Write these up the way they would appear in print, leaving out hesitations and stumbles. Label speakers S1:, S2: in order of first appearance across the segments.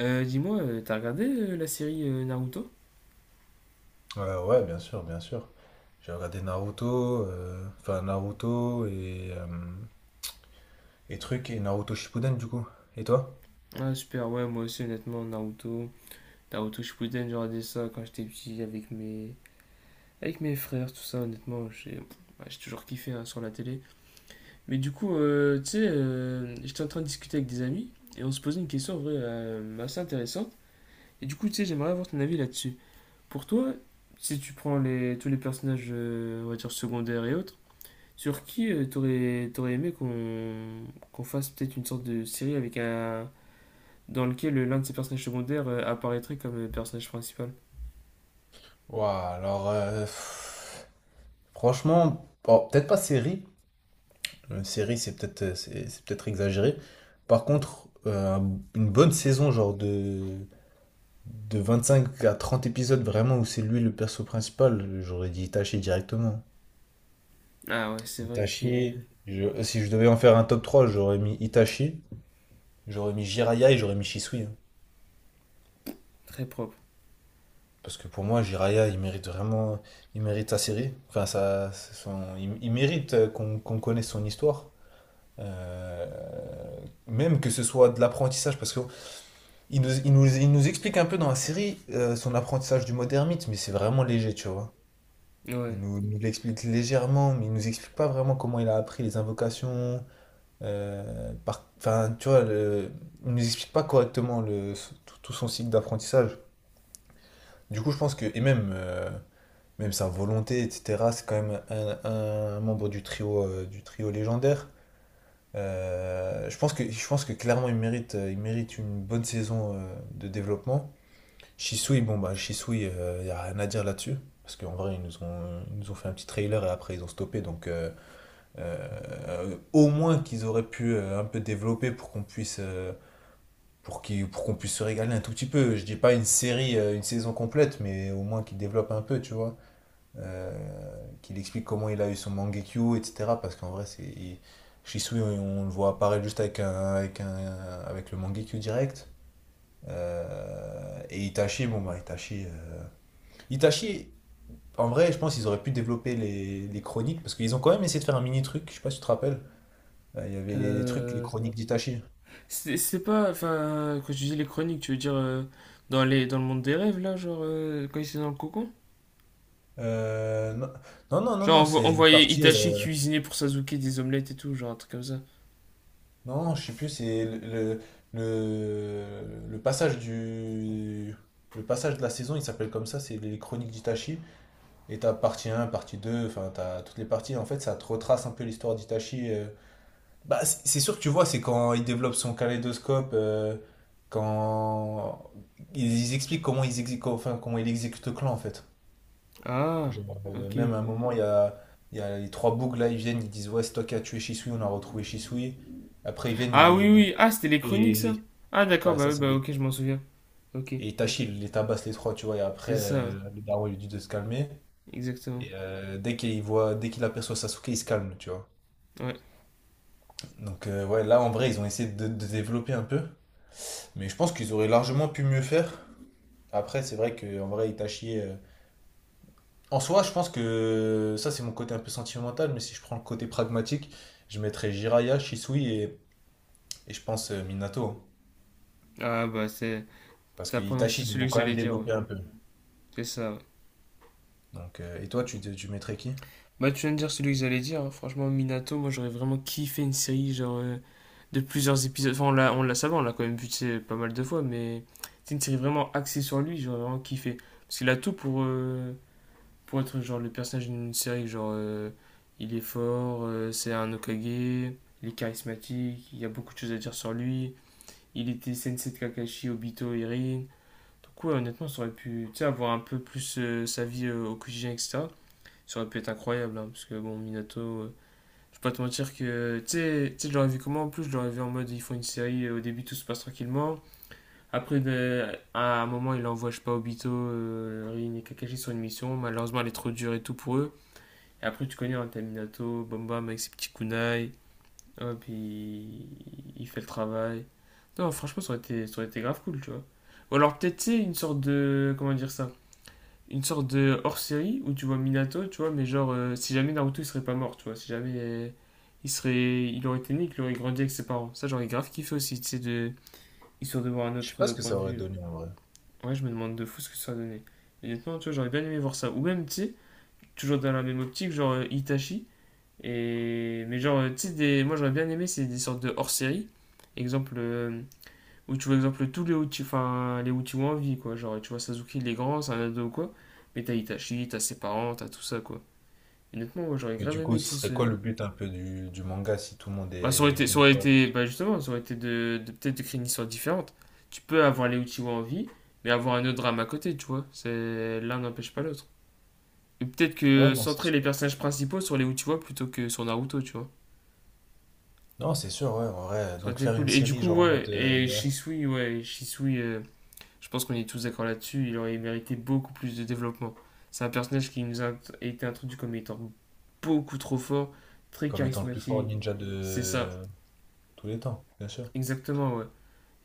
S1: Dis-moi, t'as regardé la série Naruto?
S2: Ouais, ouais, bien sûr, bien sûr. J'ai regardé Naruto, enfin Naruto et trucs et Naruto Shippuden du coup. Et toi?
S1: Ah super, ouais, moi aussi honnêtement, Naruto, Naruto Shippuden, j'ai regardé ça quand j'étais petit avec mes frères, tout ça, honnêtement, j'ai toujours kiffé hein, sur la télé. Mais du coup, tu sais, j'étais en train de discuter avec des amis et on se posait une question en vrai assez intéressante. Et du coup, tu sais, j'aimerais avoir ton avis là-dessus. Pour toi, si tu prends les tous les personnages, on va dire secondaires et autres, sur qui t'aurais aimé qu'on fasse peut-être une sorte de série avec un dans lequel l'un de ses personnages secondaires apparaîtrait comme personnage principal?
S2: Ouah, alors, pff, franchement, bon, peut-être pas série. Une série, c'est peut-être c'est peut-être exagéré. Par contre, une bonne saison, genre de 25 à 30 épisodes, vraiment, où c'est lui le perso principal, j'aurais dit Itachi directement.
S1: Ah ouais, c'est vrai que
S2: Itachi, si je devais en faire un top 3 j'aurais mis Itachi. J'aurais mis Jiraya et j'aurais mis Shisui. Hein.
S1: très propre.
S2: Parce que pour moi, Jiraya, il mérite vraiment. Il mérite sa série. Enfin, ça, il mérite qu'on connaisse son histoire. Euh, Même que ce soit de l'apprentissage. Parce qu'il nous explique un peu dans la série son apprentissage du mode ermite, mais c'est vraiment léger, tu vois. Il
S1: Ouais.
S2: nous, nous l'explique légèrement, mais il nous explique pas vraiment comment il a appris les invocations. Enfin, tu vois, il nous explique pas correctement tout, tout son cycle d'apprentissage. Du coup, je pense que, et même, même sa volonté, etc., c'est quand même un membre du trio légendaire. Je pense que clairement, il mérite une bonne saison de développement. Shisui, bon, bah, Shisui, il n'y a rien à dire là-dessus. Parce qu'en vrai, ils nous ont fait un petit trailer et après, ils ont stoppé. Donc, au moins qu'ils auraient pu un peu développer pour qu'on puisse. Pour qu'on puisse se régaler un tout petit peu. Je dis pas une série, une saison complète, mais au moins qu'ils développent un peu, tu vois qu'il explique comment il a eu son Mangekyo, etc. Parce qu'en vrai, Shisui, on le voit apparaître juste avec un, avec le Mangekyo direct. Et Itachi, bon bah Itachi, Itachi, en vrai, je pense qu'ils auraient pu développer les chroniques parce qu'ils ont quand même essayé de faire un mini truc. Je sais pas si tu te rappelles. Il y avait les trucs, les
S1: Euh,
S2: chroniques d'Itachi.
S1: c'est pas enfin quand je dis les chroniques, tu veux dire dans les dans le monde des rêves là, quand ils étaient dans le cocon?
S2: Non, non, non, non,
S1: Genre
S2: non,
S1: on, on
S2: c'est une
S1: voyait
S2: partie.
S1: Itachi cuisiner pour Sasuke des omelettes et tout, genre un truc comme ça.
S2: Non, je sais plus, c'est le passage du. Le passage de la saison, il s'appelle comme ça, c'est les chroniques d'Itachi. Et t'as partie un, partie 2. Enfin t'as toutes les parties. En fait, ça te retrace un peu l'histoire d'Itachi. Bah, c'est sûr que tu vois, c'est quand il développe son kaléidoscope, quand ils expliquent comment enfin, comment il exécute le clan en fait.
S1: Ah,
S2: Je vois.
S1: ok.
S2: Même à un moment, il y a les trois bougs là, ils viennent, ils disent ouais, c'est toi qui as tué Shisui, on a retrouvé Shisui. Après, ils viennent,
S1: Ah oui oui, ah c'était les chroniques ça.
S2: ils,
S1: Ah d'accord,
S2: ouais,
S1: bah
S2: ça
S1: oui,
S2: c'est
S1: bah
S2: les...
S1: ok, je m'en souviens. Ok.
S2: Et Itachi, il les tabasse les trois, tu vois, et après,
S1: C'est ça, ouais,
S2: le daron il lui dit de se calmer.
S1: exactement.
S2: Et dès qu'il aperçoit Sasuke, il se calme, tu vois.
S1: Ouais.
S2: Donc ouais, là en vrai, ils ont essayé de développer un peu. Mais je pense qu'ils auraient largement pu mieux faire. Après, c'est vrai que en vrai, Itachi. En soi, je pense que ça c'est mon côté un peu sentimental, mais si je prends le côté pragmatique, je mettrais Jiraiya, Shisui et je pense Minato. Hein.
S1: Ah bah c'est...
S2: Parce
S1: T'as
S2: que Itachi,
S1: prononcé
S2: ils
S1: celui
S2: vont
S1: que
S2: quand même
S1: j'allais dire, ouais.
S2: développer un peu.
S1: C'est ça, ouais.
S2: Donc, et toi, tu mettrais qui?
S1: Bah tu viens de dire celui que j'allais dire, hein. Franchement, Minato, moi j'aurais vraiment kiffé une série de plusieurs épisodes. Enfin, on l'a ça va, on l'a quand même vu tu sais, pas mal de fois, mais c'est une série vraiment axée sur lui, j'aurais vraiment kiffé. Parce qu'il a tout pour être genre le personnage d'une série, il est fort, c'est un Hokage, il est charismatique, il y a beaucoup de choses à dire sur lui. Il était Sensei de Kakashi, Obito, Irin. Donc ouais, honnêtement, ça aurait pu, tu sais, avoir un peu plus sa vie au quotidien, etc. Ça aurait pu être incroyable, hein, parce que bon, Minato, je peux pas te mentir que, tu sais, je l'aurais vu comment. En plus, je l'aurais vu en mode, ils font une série, au début tout se passe tranquillement. Après, ben, à un moment, il envoie, je sais pas, Obito, Rin et Kakashi sur une mission. Malheureusement, elle est trop dure et tout pour eux. Et après, tu connais, hein, t'as Minato, bam avec ses petits kunai. Hop, il fait le travail. Non, franchement, ça aurait été grave cool, tu vois. Ou alors, peut-être, tu sais, une sorte de. Comment dire ça, une sorte de hors-série où tu vois Minato, tu vois, mais genre, si jamais Naruto il serait pas mort, tu vois, si jamais il serait, il aurait été né, qu'il aurait grandi avec ses parents. Ça, j'aurais grave kiffé aussi, tu sais, de, histoire de voir un
S2: Je sais
S1: autre
S2: pas ce que
S1: point
S2: ça
S1: de
S2: aurait
S1: vue là.
S2: donné en vrai.
S1: Ouais, je me demande de fou ce que ça va donner. Honnêtement, tu vois, j'aurais bien aimé voir ça. Ou même, tu sais, toujours dans la même optique, Itachi. Et... Mais genre, tu sais, des... moi j'aurais bien aimé, c'est des sortes de hors-série. Exemple, où tu vois, exemple, tous les outils, enfin, les outils ont envie, quoi. Genre, tu vois, Sasuke, il est grand, c'est un ado ou quoi. Mais t'as Itachi, t'as ses parents, t'as tout ça, quoi. Et honnêtement, moi, j'aurais
S2: Mais
S1: grave
S2: du coup,
S1: aimé, tu
S2: ce
S1: sais, ce.
S2: serait quoi le but un peu du manga si tout le monde
S1: Bah,
S2: est vient quoi?
S1: bah, justement, ça aurait été de, peut-être de créer une histoire différente. Tu peux avoir les outils en vie, mais avoir un autre drame à côté, tu vois. C'est, l'un n'empêche pas l'autre. Et peut-être
S2: Ouais,
S1: que
S2: non, c'est
S1: centrer les
S2: sûr.
S1: personnages principaux sur les Uchiwa plutôt que sur Naruto, tu vois.
S2: Non, c'est sûr, ouais, en vrai.
S1: Ça aurait
S2: Donc
S1: été
S2: faire une
S1: cool. Et du
S2: série
S1: coup,
S2: genre en
S1: ouais,
S2: mode
S1: et Shisui, ouais, Shisui, je pense qu'on est tous d'accord là-dessus, il aurait mérité beaucoup plus de développement. C'est un personnage qui nous a été introduit comme étant beaucoup trop fort, très
S2: comme étant le plus fort
S1: charismatique.
S2: ninja
S1: C'est ça,
S2: de tous les temps, bien sûr.
S1: exactement, ouais.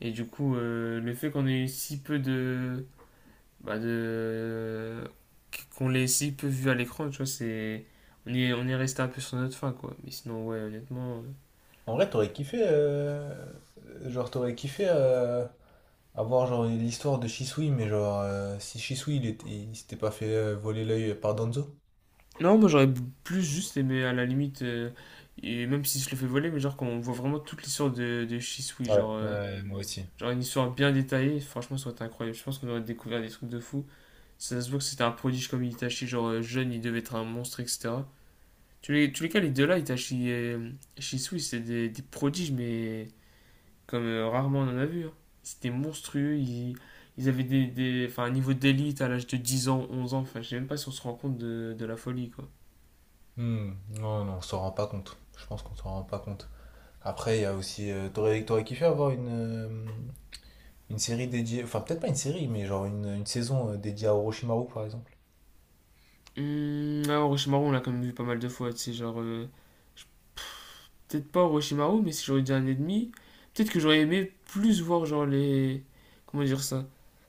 S1: Et du coup, le fait qu'on ait si peu de. Bah de qu'on l'ait si peu vu à l'écran, tu vois, c'est. On est resté un peu sur notre fin, quoi. Mais sinon, ouais, honnêtement.
S2: En vrai, t'aurais kiffé, genre t'aurais kiffé avoir genre l'histoire de Shisui, mais genre si Shisui il s'était pas fait voler l'œil par Danzo.
S1: Non, moi j'aurais plus juste aimé, à la limite, et même si je le fais voler, mais genre qu'on voit vraiment toute l'histoire de Shisui,
S2: Ouais.
S1: genre.
S2: Ouais, moi aussi.
S1: Genre une histoire bien détaillée, franchement, ça aurait été incroyable. Je pense qu'on aurait découvert des trucs de fou. Si ça se voit que c'était un prodige comme Itachi, jeune, il devait être un monstre, etc. Tu les, tous les cas, les deux là, Itachi et Shisui, c'est des prodiges, mais comme rarement on en a vu, hein. C'était monstrueux, ils avaient des, enfin, un niveau d'élite à l'âge de 10 ans, 11 ans, enfin, je sais même pas si on se rend compte de la folie, quoi.
S2: Hmm. Non, non, on s'en rend pas compte. Je pense qu'on s'en rend pas compte. Après, il y a aussi, t'aurais kiffé avoir une série dédiée, enfin peut-être pas une série, mais genre une saison dédiée à Orochimaru par exemple.
S1: Ah, Orochimaru, on l'a quand même vu pas mal de fois, tu sais, genre... peut-être pas Orochimaru, mais si j'aurais dit un ennemi, peut-être que j'aurais aimé plus voir genre les, comment dire ça,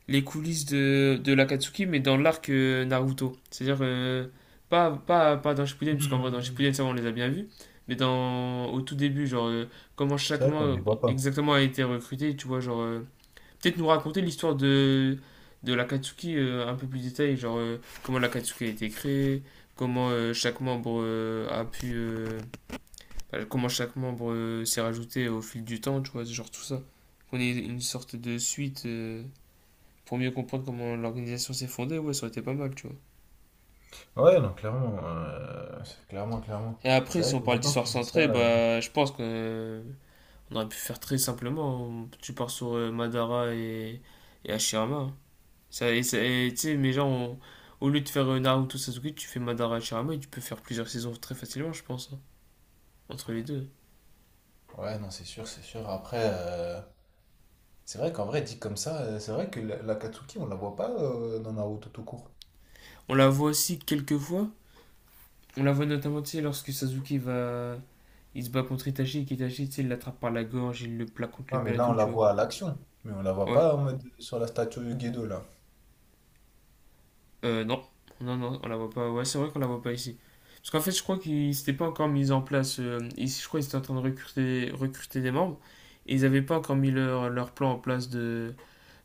S1: les coulisses de l'Akatsuki mais dans l'arc Naruto. C'est-à-dire pas dans Shippuden parce qu'en vrai dans
S2: Hmm.
S1: Shippuden ça on les a bien vus, mais dans au tout début comment
S2: C'est vrai qu'on ne les
S1: chacun
S2: voit pas.
S1: exactement a été recruté, tu vois peut-être nous raconter l'histoire de l'Akatsuki un peu plus détaillée, comment l'Akatsuki a été créé, comment chaque membre a pu bah, comment chaque membre s'est rajouté au fil du temps, tu vois, genre tout ça. Qu'on ait une sorte de suite pour mieux comprendre comment l'organisation s'est fondée, ouais, ça aurait été pas mal, tu vois.
S2: Ouais, non, clairement, clairement, clairement.
S1: Et après,
S2: C'est
S1: si
S2: vrai
S1: on
S2: que
S1: parle
S2: maintenant que
S1: d'histoire
S2: tu dis ça.
S1: centrée, bah, je pense qu'on aurait pu faire très simplement. On- tu pars sur Madara et Hashirama, hein. Ça, et ça- et tu sais, mais genre, on- au lieu de faire Naruto Sasuke, tu fais Madara Hashirama et tu peux faire plusieurs saisons très facilement, je pense, hein, entre les deux.
S2: Ouais, non, c'est sûr, c'est sûr. Après, c'est vrai qu'en vrai, dit comme ça, c'est vrai que la Katsuki, on la voit pas dans Naruto tout court.
S1: On la voit aussi quelques fois. On la voit notamment, tu sais, lorsque Sasuke va. Il se bat contre Itachi et qu'Itachi, tu sais, il l'attrape par la gorge, il le plaque contre
S2: Ouais,
S1: le
S2: mais
S1: mur et
S2: là, on
S1: tout,
S2: la
S1: tu vois.
S2: voit à l'action. Mais on la voit
S1: Ouais.
S2: pas en mode sur la statue Gedo, là.
S1: Euh, non. Non, non, on la voit pas. Ouais, c'est vrai qu'on la voit pas ici. Parce qu'en fait, je crois qu'ils s'étaient pas encore mis en place. Je crois qu'ils étaient en train de recruter des membres. Et ils avaient pas encore mis leur, leur plan en place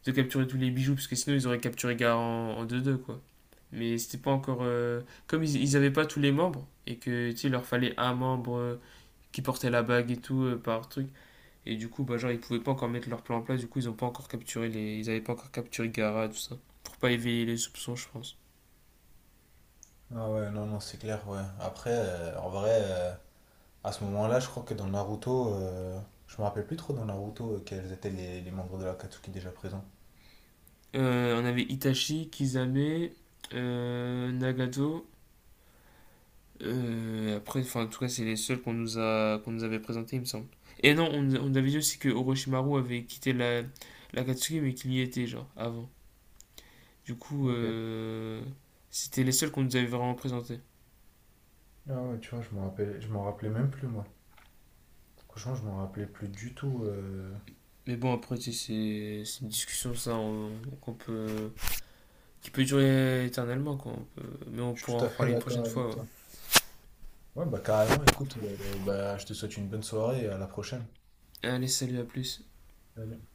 S1: de capturer tous les bijoux, parce que sinon ils auraient capturé Gaara en deux deux quoi. Mais c'était pas encore. Comme ils avaient pas tous les membres, et que, tu sais, il leur fallait un membre qui portait la bague et tout, par truc. Et du coup, bah, genre, ils pouvaient pas encore mettre leur plan en place, du coup, ils ont pas encore capturé les... Ils avaient pas encore capturé Gara, tout ça. Pour pas éveiller les soupçons, je pense.
S2: Ah ouais, non, non, c'est clair, ouais. Après, en vrai, à ce moment-là, je crois que dans Naruto, je me rappelle plus trop dans Naruto quels étaient les membres de la Katsuki déjà présents.
S1: On avait Itachi, Kisame, Nagato. Après, enfin, en tout cas, c'est les seuls qu'on nous a... qu'on nous avait présentés, il me semble. Et non, on avait dit aussi que Orochimaru avait quitté la Katsuki, mais qu'il y était, genre, avant. Du coup,
S2: Ok.
S1: c'était les seuls qu'on nous avait vraiment présentés.
S2: Ah ouais, tu vois, je m'en rappelais même plus, moi. Franchement, je m'en rappelais plus du tout.
S1: Mais bon, après, c'est une discussion, ça, qu'on peut, qui peut durer éternellement, quoi. On peut- mais on
S2: Je suis
S1: pourra en
S2: tout à fait
S1: reparler une
S2: d'accord
S1: prochaine
S2: avec
S1: fois, ouais.
S2: toi. Ouais, bah carrément, écoute, bah, je te souhaite une bonne soirée et à la prochaine.
S1: Allez, salut, à plus.
S2: Salut.